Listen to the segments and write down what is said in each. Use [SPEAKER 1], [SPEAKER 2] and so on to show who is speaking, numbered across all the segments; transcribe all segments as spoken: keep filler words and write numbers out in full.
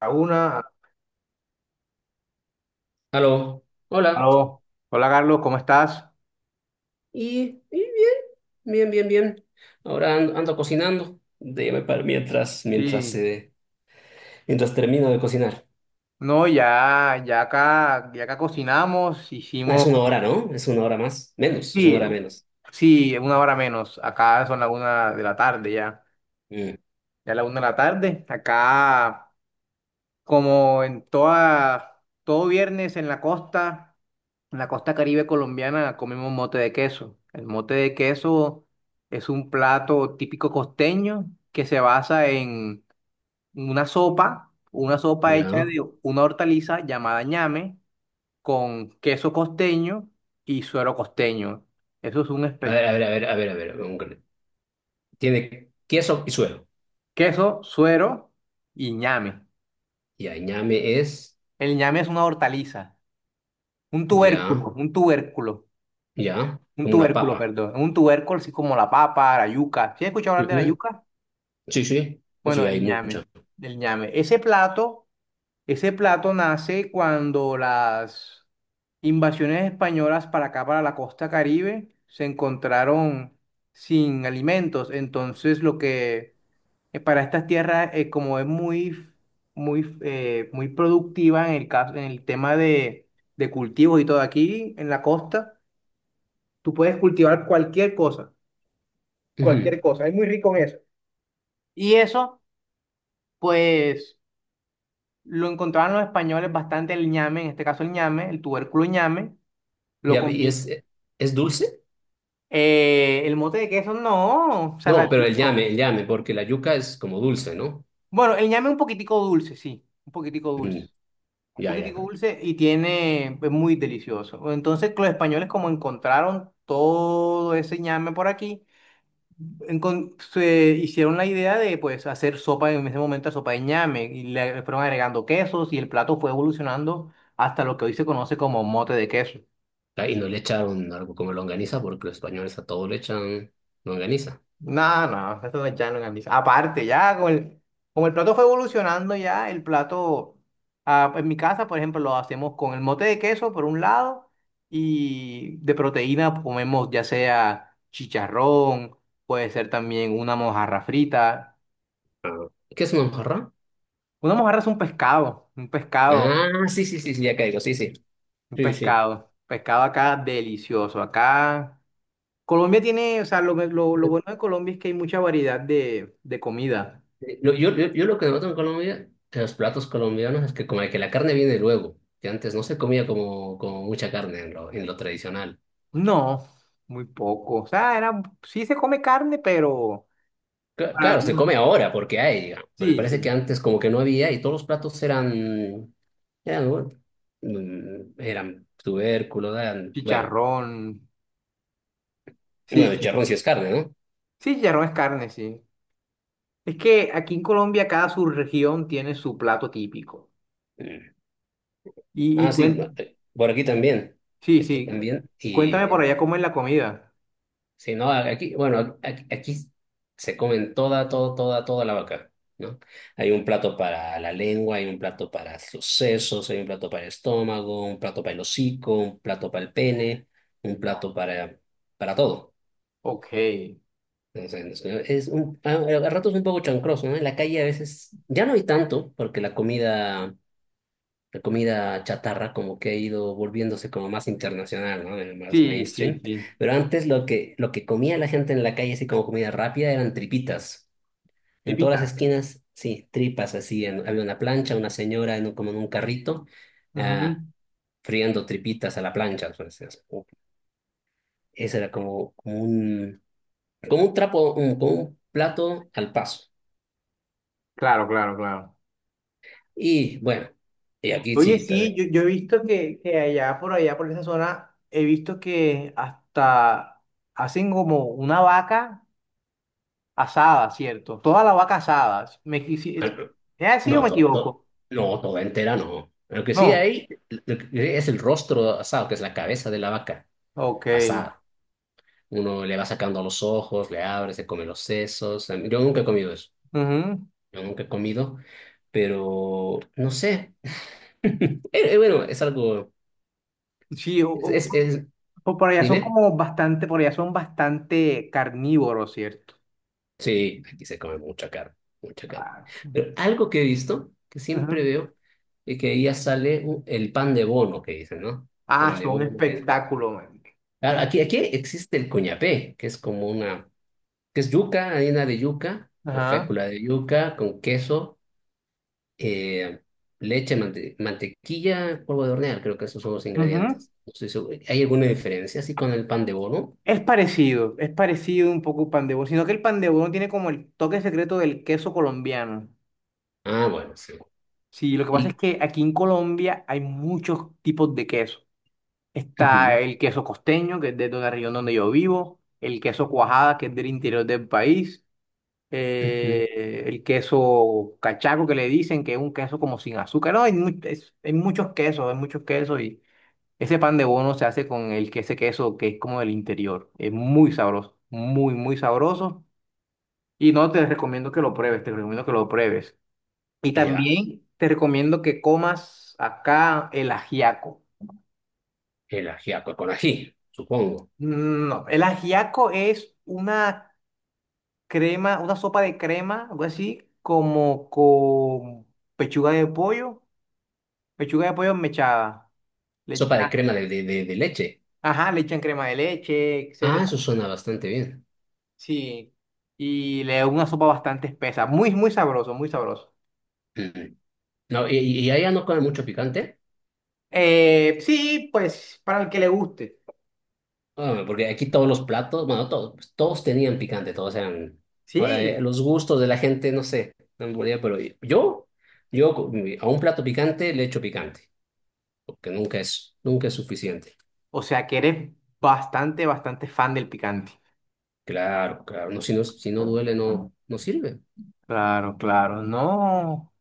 [SPEAKER 1] A una,
[SPEAKER 2] Aló, hola.
[SPEAKER 1] aló. Hola Carlos, ¿cómo estás?
[SPEAKER 2] Y, y bien, bien, bien, bien. Ahora an- ando cocinando. Déjame para mientras, mientras,
[SPEAKER 1] Sí,
[SPEAKER 2] eh, mientras termino de cocinar.
[SPEAKER 1] no, ya, ya acá, ya acá cocinamos,
[SPEAKER 2] Ah, es
[SPEAKER 1] hicimos,
[SPEAKER 2] una hora, ¿no? Es una hora más. Menos, es una
[SPEAKER 1] sí,
[SPEAKER 2] hora menos.
[SPEAKER 1] sí, una hora menos. Acá son la una de la tarde ya,
[SPEAKER 2] Mm.
[SPEAKER 1] ya la una de la tarde. Acá, como en toda, todo viernes en la costa, en la costa Caribe colombiana, comemos mote de queso. El mote de queso es un plato típico costeño que se basa en una sopa, una sopa hecha
[SPEAKER 2] Ya.
[SPEAKER 1] de una hortaliza llamada ñame con queso costeño y suero costeño. Eso es un
[SPEAKER 2] A
[SPEAKER 1] espe-
[SPEAKER 2] ver, a ver, a ver, a ver, a ver. un- Tiene queso y suelo.
[SPEAKER 1] queso, suero y ñame.
[SPEAKER 2] Y añame es,
[SPEAKER 1] El ñame es una hortaliza, un
[SPEAKER 2] ya,
[SPEAKER 1] tubérculo, un tubérculo,
[SPEAKER 2] ya,
[SPEAKER 1] un
[SPEAKER 2] como una
[SPEAKER 1] tubérculo,
[SPEAKER 2] papa.
[SPEAKER 1] perdón, un tubérculo así como la papa, la yuca. ¿Sí has escuchado hablar de la
[SPEAKER 2] Ujú.
[SPEAKER 1] yuca?
[SPEAKER 2] Sí, sí.
[SPEAKER 1] Bueno,
[SPEAKER 2] Sí, hay
[SPEAKER 1] el ñame,
[SPEAKER 2] mucha.
[SPEAKER 1] el ñame. Ese plato Ese plato nace cuando las invasiones españolas para acá, para la costa Caribe, se encontraron sin alimentos. Entonces, lo que eh, para estas tierras, eh, como es muy, muy, eh, muy productiva en el caso, en el tema de, de cultivos y todo aquí en la costa, tú puedes cultivar cualquier cosa,
[SPEAKER 2] Ujú.
[SPEAKER 1] cualquier cosa. Es muy rico en eso. Y eso, pues, lo encontraban los españoles bastante el ñame, en este caso el ñame, el tubérculo ñame lo
[SPEAKER 2] Ya. ¿Y
[SPEAKER 1] combino.
[SPEAKER 2] es, es dulce?
[SPEAKER 1] Eh, el mote de queso, no,
[SPEAKER 2] No, pero el llame,
[SPEAKER 1] saladito.
[SPEAKER 2] el llame, porque la yuca es como dulce, ¿no?
[SPEAKER 1] Bueno, el ñame es un poquitico dulce, sí, un poquitico dulce.
[SPEAKER 2] Mm.
[SPEAKER 1] Un
[SPEAKER 2] Ya, ya.
[SPEAKER 1] poquitico dulce y tiene, es muy delicioso. Entonces, los españoles como encontraron todo ese ñame por aquí, encon- se hicieron la idea de pues hacer sopa en ese momento, sopa de ñame, y le fueron agregando quesos y el plato fue evolucionando hasta lo que hoy se conoce como mote de queso.
[SPEAKER 2] Ah, ¿y no le echaron algo como longaniza porque los españoles a todo le echan longaniza?
[SPEAKER 1] No, no, eso no es llano en Andiza. Aparte, ya con el, como el plato fue evolucionando ya, el plato, ah, en mi casa, por ejemplo, lo hacemos con el mote de queso por un lado y de proteína comemos ya sea chicharrón, puede ser también una mojarra frita.
[SPEAKER 2] Ah. ¿Qué es una mojarra?
[SPEAKER 1] Una mojarra es un pescado, un pescado,
[SPEAKER 2] Ah, sí, sí, sí, sí, ya caigo, sí, sí.
[SPEAKER 1] un
[SPEAKER 2] Sí, sí.
[SPEAKER 1] pescado, pescado acá delicioso. Acá Colombia tiene, o sea, lo, lo, lo bueno de Colombia es que hay mucha variedad de, de comida.
[SPEAKER 2] Lo- Yo, yo, yo lo que noto en Colombia, en los platos colombianos, es que como que la carne viene luego, que antes no se comía como, como mucha carne en lo, en lo tradicional.
[SPEAKER 1] No, muy poco. O sea, era, sí se come carne, pero
[SPEAKER 2] Cla- Claro, se come
[SPEAKER 1] alguna-
[SPEAKER 2] ahora porque hay, digamos, pero me
[SPEAKER 1] sí,
[SPEAKER 2] parece
[SPEAKER 1] sí.
[SPEAKER 2] que antes como que no había y todos los platos eran, eran, bueno, mm, eran tubérculos, eran, bueno.
[SPEAKER 1] Chicharrón. Sí,
[SPEAKER 2] Bueno, el
[SPEAKER 1] sí.
[SPEAKER 2] charrón sí es carne, ¿no?
[SPEAKER 1] Sí, chicharrón es carne, sí. Es que aquí en Colombia cada subregión tiene su plato típico.
[SPEAKER 2] Mm.
[SPEAKER 1] Y, y
[SPEAKER 2] Ah, sí, no,
[SPEAKER 1] cuen-
[SPEAKER 2] eh, por aquí también.
[SPEAKER 1] Sí,
[SPEAKER 2] Aquí
[SPEAKER 1] sí.
[SPEAKER 2] también.
[SPEAKER 1] Cuéntame por
[SPEAKER 2] Y
[SPEAKER 1] allá cómo es la comida.
[SPEAKER 2] si no, aquí, bueno, aquí, aquí se comen toda, toda, toda, toda la vaca, ¿no? Hay un plato para la lengua, hay un plato para los sesos, hay un plato para el estómago, un plato para el hocico, un plato para el pene, un plato para, para todo.
[SPEAKER 1] Ok. Sí,
[SPEAKER 2] Entonces, es un, a, a ratos un poco chancroso, ¿no? En la calle a veces ya no hay tanto, porque la comida. La comida chatarra como que ha ido volviéndose como más internacional, ¿no? Eh, más
[SPEAKER 1] sí,
[SPEAKER 2] mainstream.
[SPEAKER 1] sí.
[SPEAKER 2] Pero antes lo que, lo que comía la gente en la calle, así como comida rápida, eran tripitas. En todas las
[SPEAKER 1] Tipitas.
[SPEAKER 2] esquinas, sí, tripas así. En- había una plancha, una señora en un- como en un carrito,
[SPEAKER 1] Ujú.
[SPEAKER 2] ah, friendo tripitas a la plancha. pues, es- Ese era como, como un, como un trapo, un- como un plato al paso.
[SPEAKER 1] Claro, claro, claro.
[SPEAKER 2] Y bueno, y aquí
[SPEAKER 1] Oye,
[SPEAKER 2] sí,
[SPEAKER 1] sí,
[SPEAKER 2] también.
[SPEAKER 1] yo, yo he visto que, que allá por allá, por esa zona, he visto que hasta hacen como una vaca asada, ¿cierto? Toda la vaca asada. ¿Me equivoco? ¿Es así o
[SPEAKER 2] No,
[SPEAKER 1] me
[SPEAKER 2] to- to-
[SPEAKER 1] equivoco?
[SPEAKER 2] no, toda entera no. Lo que sí
[SPEAKER 1] No.
[SPEAKER 2] hay lo que es el rostro asado, que es la cabeza de la vaca
[SPEAKER 1] Ok.
[SPEAKER 2] asada. Uno le va sacando los ojos, le abre, se come los sesos. Yo nunca he comido eso.
[SPEAKER 1] Ujú.
[SPEAKER 2] Yo nunca he comido, pero no sé. Eh, eh, Bueno, es algo.
[SPEAKER 1] Sí, o,
[SPEAKER 2] Es,
[SPEAKER 1] o-
[SPEAKER 2] es, es-
[SPEAKER 1] o por allá son
[SPEAKER 2] Dime.
[SPEAKER 1] como bastante, por allá son bastante carnívoros, ¿cierto?
[SPEAKER 2] Sí, aquí se come mucha carne, mucha carne.
[SPEAKER 1] Ah,
[SPEAKER 2] Pero algo que he visto, que siempre
[SPEAKER 1] ujú.
[SPEAKER 2] veo, es que ahí ya sale un- el pan de bono, que dicen, ¿no?
[SPEAKER 1] Ah,
[SPEAKER 2] Pan de
[SPEAKER 1] son
[SPEAKER 2] bono, que es…
[SPEAKER 1] espectáculo, man.
[SPEAKER 2] Claro, aquí, aquí existe el cuñapé, que es como una, que es yuca, harina de yuca o
[SPEAKER 1] Ajá.
[SPEAKER 2] fécula de yuca con queso, eh, leche, mante- mantequilla, polvo de hornear, creo que esos son los
[SPEAKER 1] Ujú.
[SPEAKER 2] ingredientes. No estoy seguro. ¿Hay alguna diferencia así con el pan de bono?
[SPEAKER 1] Es parecido, es parecido un poco el pan de bono, sino que el pan de bono tiene como el toque secreto del queso colombiano.
[SPEAKER 2] Ah, bueno, sí.
[SPEAKER 1] Sí, lo que pasa es
[SPEAKER 2] Y
[SPEAKER 1] que aquí en Colombia hay muchos tipos de queso. Está
[SPEAKER 2] ujú,
[SPEAKER 1] el queso costeño, que es de la región donde yo vivo, el queso cuajada, que es del interior del país,
[SPEAKER 2] ujú.
[SPEAKER 1] eh, el queso cachaco, que le dicen que es un queso como sin azúcar. No, hay, mu- es- hay muchos quesos, hay muchos quesos y ese pan de bono se hace con el, que- ese queso que es como del interior. Es muy sabroso, muy, muy sabroso. Y no te recomiendo que lo pruebes, te recomiendo que lo pruebes. Y
[SPEAKER 2] Ya,
[SPEAKER 1] también te recomiendo que comas acá el ajiaco.
[SPEAKER 2] el ajiaco con ají, supongo.
[SPEAKER 1] No, el ajiaco es una crema, una sopa de crema, algo así, como con pechuga de pollo, pechuga de pollo mechada. Le
[SPEAKER 2] Sopa de
[SPEAKER 1] echan,
[SPEAKER 2] crema de, de, de- de leche.
[SPEAKER 1] ajá, le echan crema de leche,
[SPEAKER 2] Ah,
[SPEAKER 1] etcétera.
[SPEAKER 2] eso suena bastante bien.
[SPEAKER 1] Sí. Y le da una sopa bastante espesa, muy, muy sabroso, muy sabroso.
[SPEAKER 2] Ujú. No, y, y y allá, ¿no comen mucho picante?
[SPEAKER 1] Eh, sí, pues para el que le guste.
[SPEAKER 2] No, hombre, porque aquí todos los platos, bueno, todos, pues, todos tenían picante, todos eran… Ahora, eh,
[SPEAKER 1] Sí.
[SPEAKER 2] los gustos de la gente, no sé, no me podría, pero yo, yo co- mi- a un plato picante le echo picante, porque nunca es, nunca es suficiente.
[SPEAKER 1] O sea que eres bastante, bastante fan del picante.
[SPEAKER 2] Claro, claro, no, si no, si no duele, no, no sirve.
[SPEAKER 1] Claro, claro, no.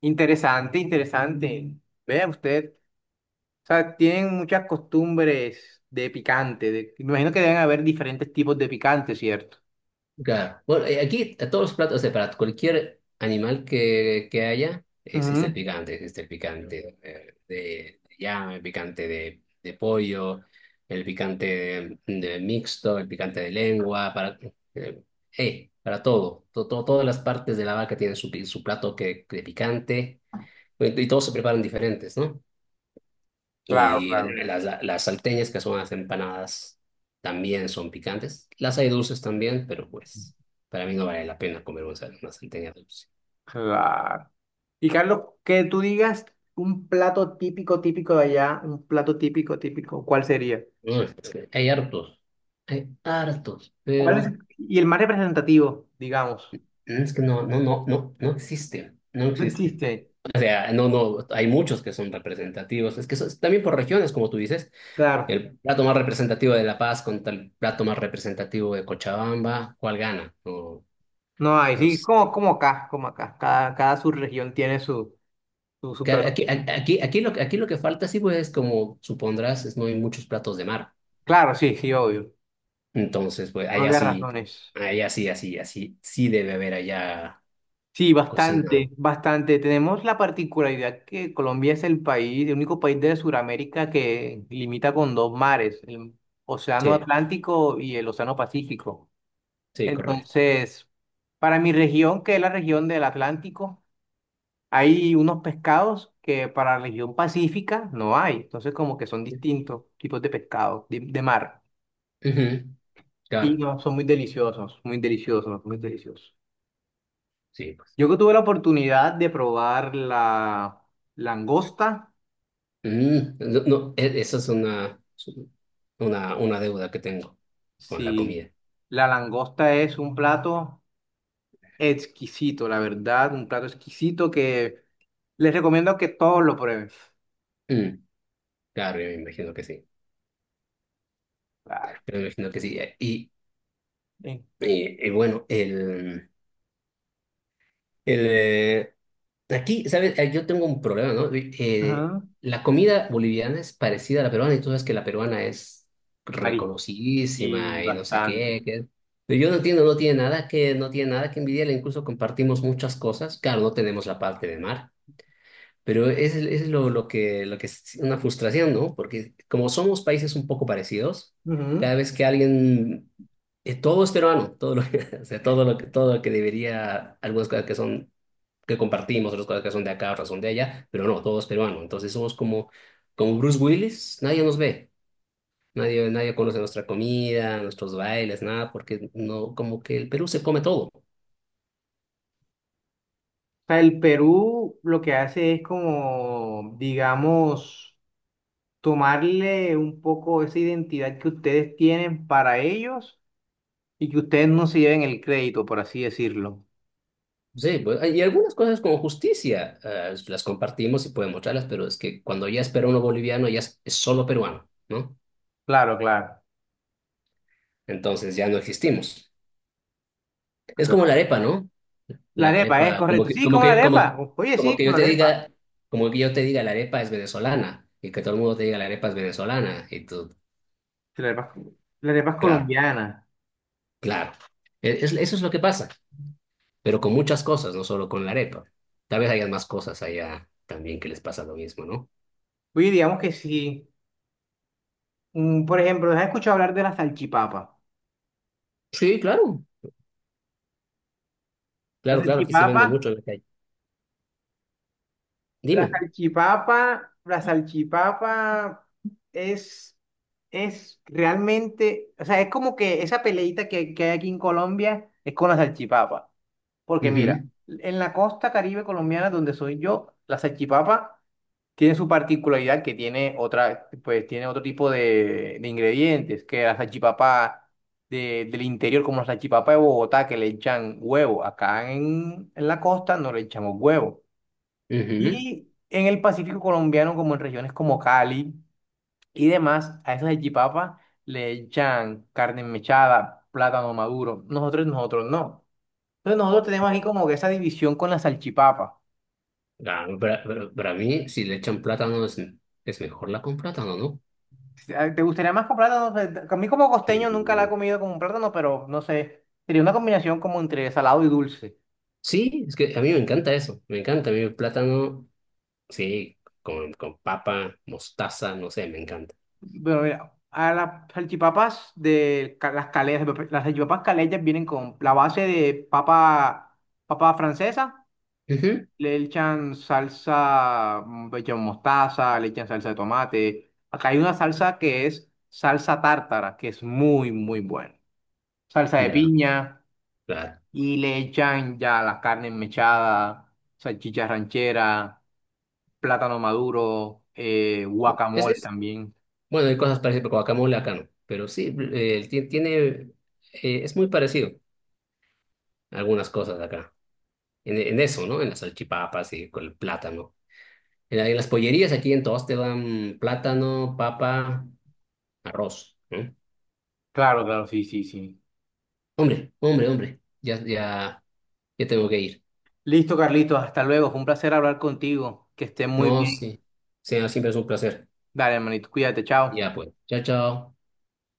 [SPEAKER 1] Interesante, interesante. Vea usted, o sea, tienen muchas costumbres de picante. de- Me imagino que deben haber diferentes tipos de picante, ¿cierto?
[SPEAKER 2] Claro. Bueno, eh, aquí a todos los platos, o sea, para cualquier animal que, que haya, existe el
[SPEAKER 1] Ujú.
[SPEAKER 2] picante, existe el picante, eh, de, de llama, el picante de, de pollo, el picante de, de mixto, el picante de lengua, para, eh, eh, para todo. To- to- Todas las partes de la vaca tienen su, pi- su plato que, de picante, y y todos se preparan diferentes, ¿no?
[SPEAKER 1] Claro,
[SPEAKER 2] Y
[SPEAKER 1] claro.
[SPEAKER 2] las, las salteñas, que son las empanadas, también son picantes. Las hay dulces también, pero pues para mí no vale la pena comer una, sal- una salteña dulce.
[SPEAKER 1] Claro. Y Carlos, que tú digas un plato típico, típico de allá, un plato típico, típico, ¿cuál sería?
[SPEAKER 2] No, es que hay hartos, hay hartos,
[SPEAKER 1] ¿Cuál es?
[SPEAKER 2] pero
[SPEAKER 1] Y el más representativo, digamos.
[SPEAKER 2] es que no, no, no, no, no existe, no
[SPEAKER 1] No
[SPEAKER 2] existe.
[SPEAKER 1] existe.
[SPEAKER 2] O sea, no, no, hay muchos que son representativos. Es que eso es también por regiones, como tú dices,
[SPEAKER 1] Claro.
[SPEAKER 2] el plato más representativo de La Paz contra el plato más representativo de Cochabamba, ¿cuál gana? No,
[SPEAKER 1] No hay,
[SPEAKER 2] no
[SPEAKER 1] sí, como,
[SPEAKER 2] sé.
[SPEAKER 1] como acá, como acá. Cada, cada subregión tiene su, su, su
[SPEAKER 2] Claro,
[SPEAKER 1] plato
[SPEAKER 2] Aquí,
[SPEAKER 1] típico.
[SPEAKER 2] aquí, aquí, lo, que- aquí lo que falta, sí, pues, es, como supondrás, es no hay muchos platos de mar.
[SPEAKER 1] Claro, sí, sí, obvio.
[SPEAKER 2] Entonces, pues,
[SPEAKER 1] Por
[SPEAKER 2] allá sí,
[SPEAKER 1] razones.
[SPEAKER 2] allá sí, así, así, sí debe haber allá
[SPEAKER 1] Sí,
[SPEAKER 2] cocina.
[SPEAKER 1] bastante, bastante. Tenemos la particularidad que Colombia es el país, el único país de Sudamérica que limita con dos mares, el Océano
[SPEAKER 2] Sí,
[SPEAKER 1] Atlántico y el Océano Pacífico.
[SPEAKER 2] sí, correcto.
[SPEAKER 1] Entonces, para mi región, que es la región del Atlántico, hay unos pescados que para la región pacífica no hay, entonces como que son distintos tipos de pescados de, de mar
[SPEAKER 2] Ujú.
[SPEAKER 1] y
[SPEAKER 2] Claro,
[SPEAKER 1] no, son muy deliciosos, muy deliciosos, muy deliciosos.
[SPEAKER 2] sí, pues.
[SPEAKER 1] Yo que tuve la oportunidad de probar la langosta,
[SPEAKER 2] Mm, no, no, e- esa es una, una, una deuda que tengo con la
[SPEAKER 1] sí,
[SPEAKER 2] comida.
[SPEAKER 1] la langosta es un plato exquisito, la verdad, un plato exquisito que les recomiendo que todos lo prueben.
[SPEAKER 2] Mm. Claro, yo me imagino que sí.
[SPEAKER 1] Claro.
[SPEAKER 2] Yo me imagino que sí. Y,
[SPEAKER 1] Sí.
[SPEAKER 2] y, y bueno, el, el, eh, aquí, ¿sabes? Eh, Yo tengo un problema, ¿no? Eh,
[SPEAKER 1] Ajá.
[SPEAKER 2] la comida boliviana es parecida a la peruana y tú sabes que la peruana es
[SPEAKER 1] Marí. Y
[SPEAKER 2] reconocidísima y no sé
[SPEAKER 1] bastante.
[SPEAKER 2] qué, qué. Pero yo no entiendo, no tiene nada que, no tiene nada que envidiarle, incluso compartimos muchas cosas. Claro, no tenemos la parte de mar, pero es, el- es lo, lo que, lo que es una frustración, ¿no? Porque como somos países un poco parecidos, cada
[SPEAKER 1] Ujú.
[SPEAKER 2] vez que alguien eh, todo es peruano, todo lo que, o sea, todo lo que, todo lo que debería, algunas cosas que son que compartimos, otras cosas que son de acá, otras son de allá, pero no, todos peruanos. Entonces somos como, como Bruce Willis, nadie nos ve, nadie, nadie conoce nuestra comida, nuestros bailes, nada, porque no, como que el Perú se come todo.
[SPEAKER 1] Sea, el Perú lo que hace es como, digamos, tomarle un poco esa identidad que ustedes tienen para ellos y que ustedes no se lleven el crédito, por así decirlo.
[SPEAKER 2] Sí, pues, y algunas cosas como justicia, eh, las compartimos y podemos mostrarlas, pero es que cuando ya es peruano boliviano, ya es, es solo peruano, ¿no?
[SPEAKER 1] Claro, claro.
[SPEAKER 2] Entonces ya no existimos. Es como la
[SPEAKER 1] Claro.
[SPEAKER 2] arepa, ¿no?
[SPEAKER 1] La
[SPEAKER 2] La
[SPEAKER 1] arepa, es
[SPEAKER 2] arepa, como
[SPEAKER 1] correcto.
[SPEAKER 2] que,
[SPEAKER 1] Sí,
[SPEAKER 2] como
[SPEAKER 1] como la
[SPEAKER 2] que,
[SPEAKER 1] arepa.
[SPEAKER 2] como,
[SPEAKER 1] Oye,
[SPEAKER 2] como
[SPEAKER 1] sí,
[SPEAKER 2] que yo
[SPEAKER 1] como
[SPEAKER 2] te
[SPEAKER 1] la arepa.
[SPEAKER 2] diga, como que yo te diga la arepa es venezolana y que todo el mundo te diga la arepa es venezolana y tú,
[SPEAKER 1] La arepa, la arepa es
[SPEAKER 2] claro,
[SPEAKER 1] colombiana.
[SPEAKER 2] claro. E- es- eso es lo que pasa, pero con muchas cosas, no solo con la arepa. Tal vez haya más cosas allá también que les pasa lo mismo, ¿no?
[SPEAKER 1] Oye, digamos que sí. Mm, por ejemplo, ¿has escuchado hablar de la salchipapa?
[SPEAKER 2] Sí, claro,
[SPEAKER 1] La
[SPEAKER 2] claro, claro, aquí se
[SPEAKER 1] salchipapa.
[SPEAKER 2] vende mucho en la calle.
[SPEAKER 1] La
[SPEAKER 2] Dime.
[SPEAKER 1] salchipapa, la salchipapa es, es realmente, o sea, es como que esa peleita que, que hay aquí en Colombia es con la salchipapa. Porque
[SPEAKER 2] Ujú,
[SPEAKER 1] mira, en la costa caribe colombiana donde soy yo, la salchipapa tiene su particularidad que tiene otra, pues tiene otro tipo de, de ingredientes, que la salchipapa de- del interior, como la salchipapa de Bogotá, que le echan huevo. Acá en, en la costa no le echamos huevo.
[SPEAKER 2] ujú.
[SPEAKER 1] Y en el Pacífico colombiano, como en regiones como Cali y demás, a esas salchipapas le echan carne mechada, plátano maduro. Nosotros, nosotros no. Entonces nosotros tenemos
[SPEAKER 2] Ya.
[SPEAKER 1] aquí como que esa división con la salchipapa.
[SPEAKER 2] Ah, para, para- para mí, si le echan plátano, es, es mejor la con plátano, ¿no?
[SPEAKER 1] Ah, ¿te gustaría más con plátano? Eh, A mí como
[SPEAKER 2] Sí.
[SPEAKER 1] costeño nunca la he comido con plátano, pero no sé. Sería una combinación como entre salado y dulce.
[SPEAKER 2] Sí, es que a mí me encanta eso, me encanta, a mí el plátano, sí, con, con papa, mostaza, no sé, me encanta.
[SPEAKER 1] Pero mira, a las salchipapas de ca- las caletas, las salchipapas caletas vienen con la base de papa, papa francesa
[SPEAKER 2] Ujú.
[SPEAKER 1] le echan salsa, mm, le echan mostaza, le echan salsa de tomate. Acá hay una salsa que es salsa tártara, que es muy, muy buena. Salsa de
[SPEAKER 2] Ya,
[SPEAKER 1] piña
[SPEAKER 2] claro.
[SPEAKER 1] y le echan ya las carnes mechadas, salchicha ranchera, plátano maduro, eh,
[SPEAKER 2] Es,
[SPEAKER 1] guacamole
[SPEAKER 2] es,
[SPEAKER 1] también.
[SPEAKER 2] bueno, hay cosas parecidas, pero guacamole acá no, pero sí, eh, ti- tiene, eh, es muy parecido a algunas cosas de acá, en, en eso, ¿no? En las salchipapas y con el plátano. En, la- en las pollerías aquí en todos te dan plátano, papa, arroz, ¿no?
[SPEAKER 1] Claro, claro, sí, sí, sí.
[SPEAKER 2] Hombre, hombre, hombre, ya, ya, ya tengo que ir.
[SPEAKER 1] Listo, Carlitos, hasta luego. Fue un placer hablar contigo. Que estés muy
[SPEAKER 2] No,
[SPEAKER 1] bien.
[SPEAKER 2] sí, sí, siempre es un placer.
[SPEAKER 1] Dale, hermanito, cuídate, chao.
[SPEAKER 2] Ya pues, chao, chao.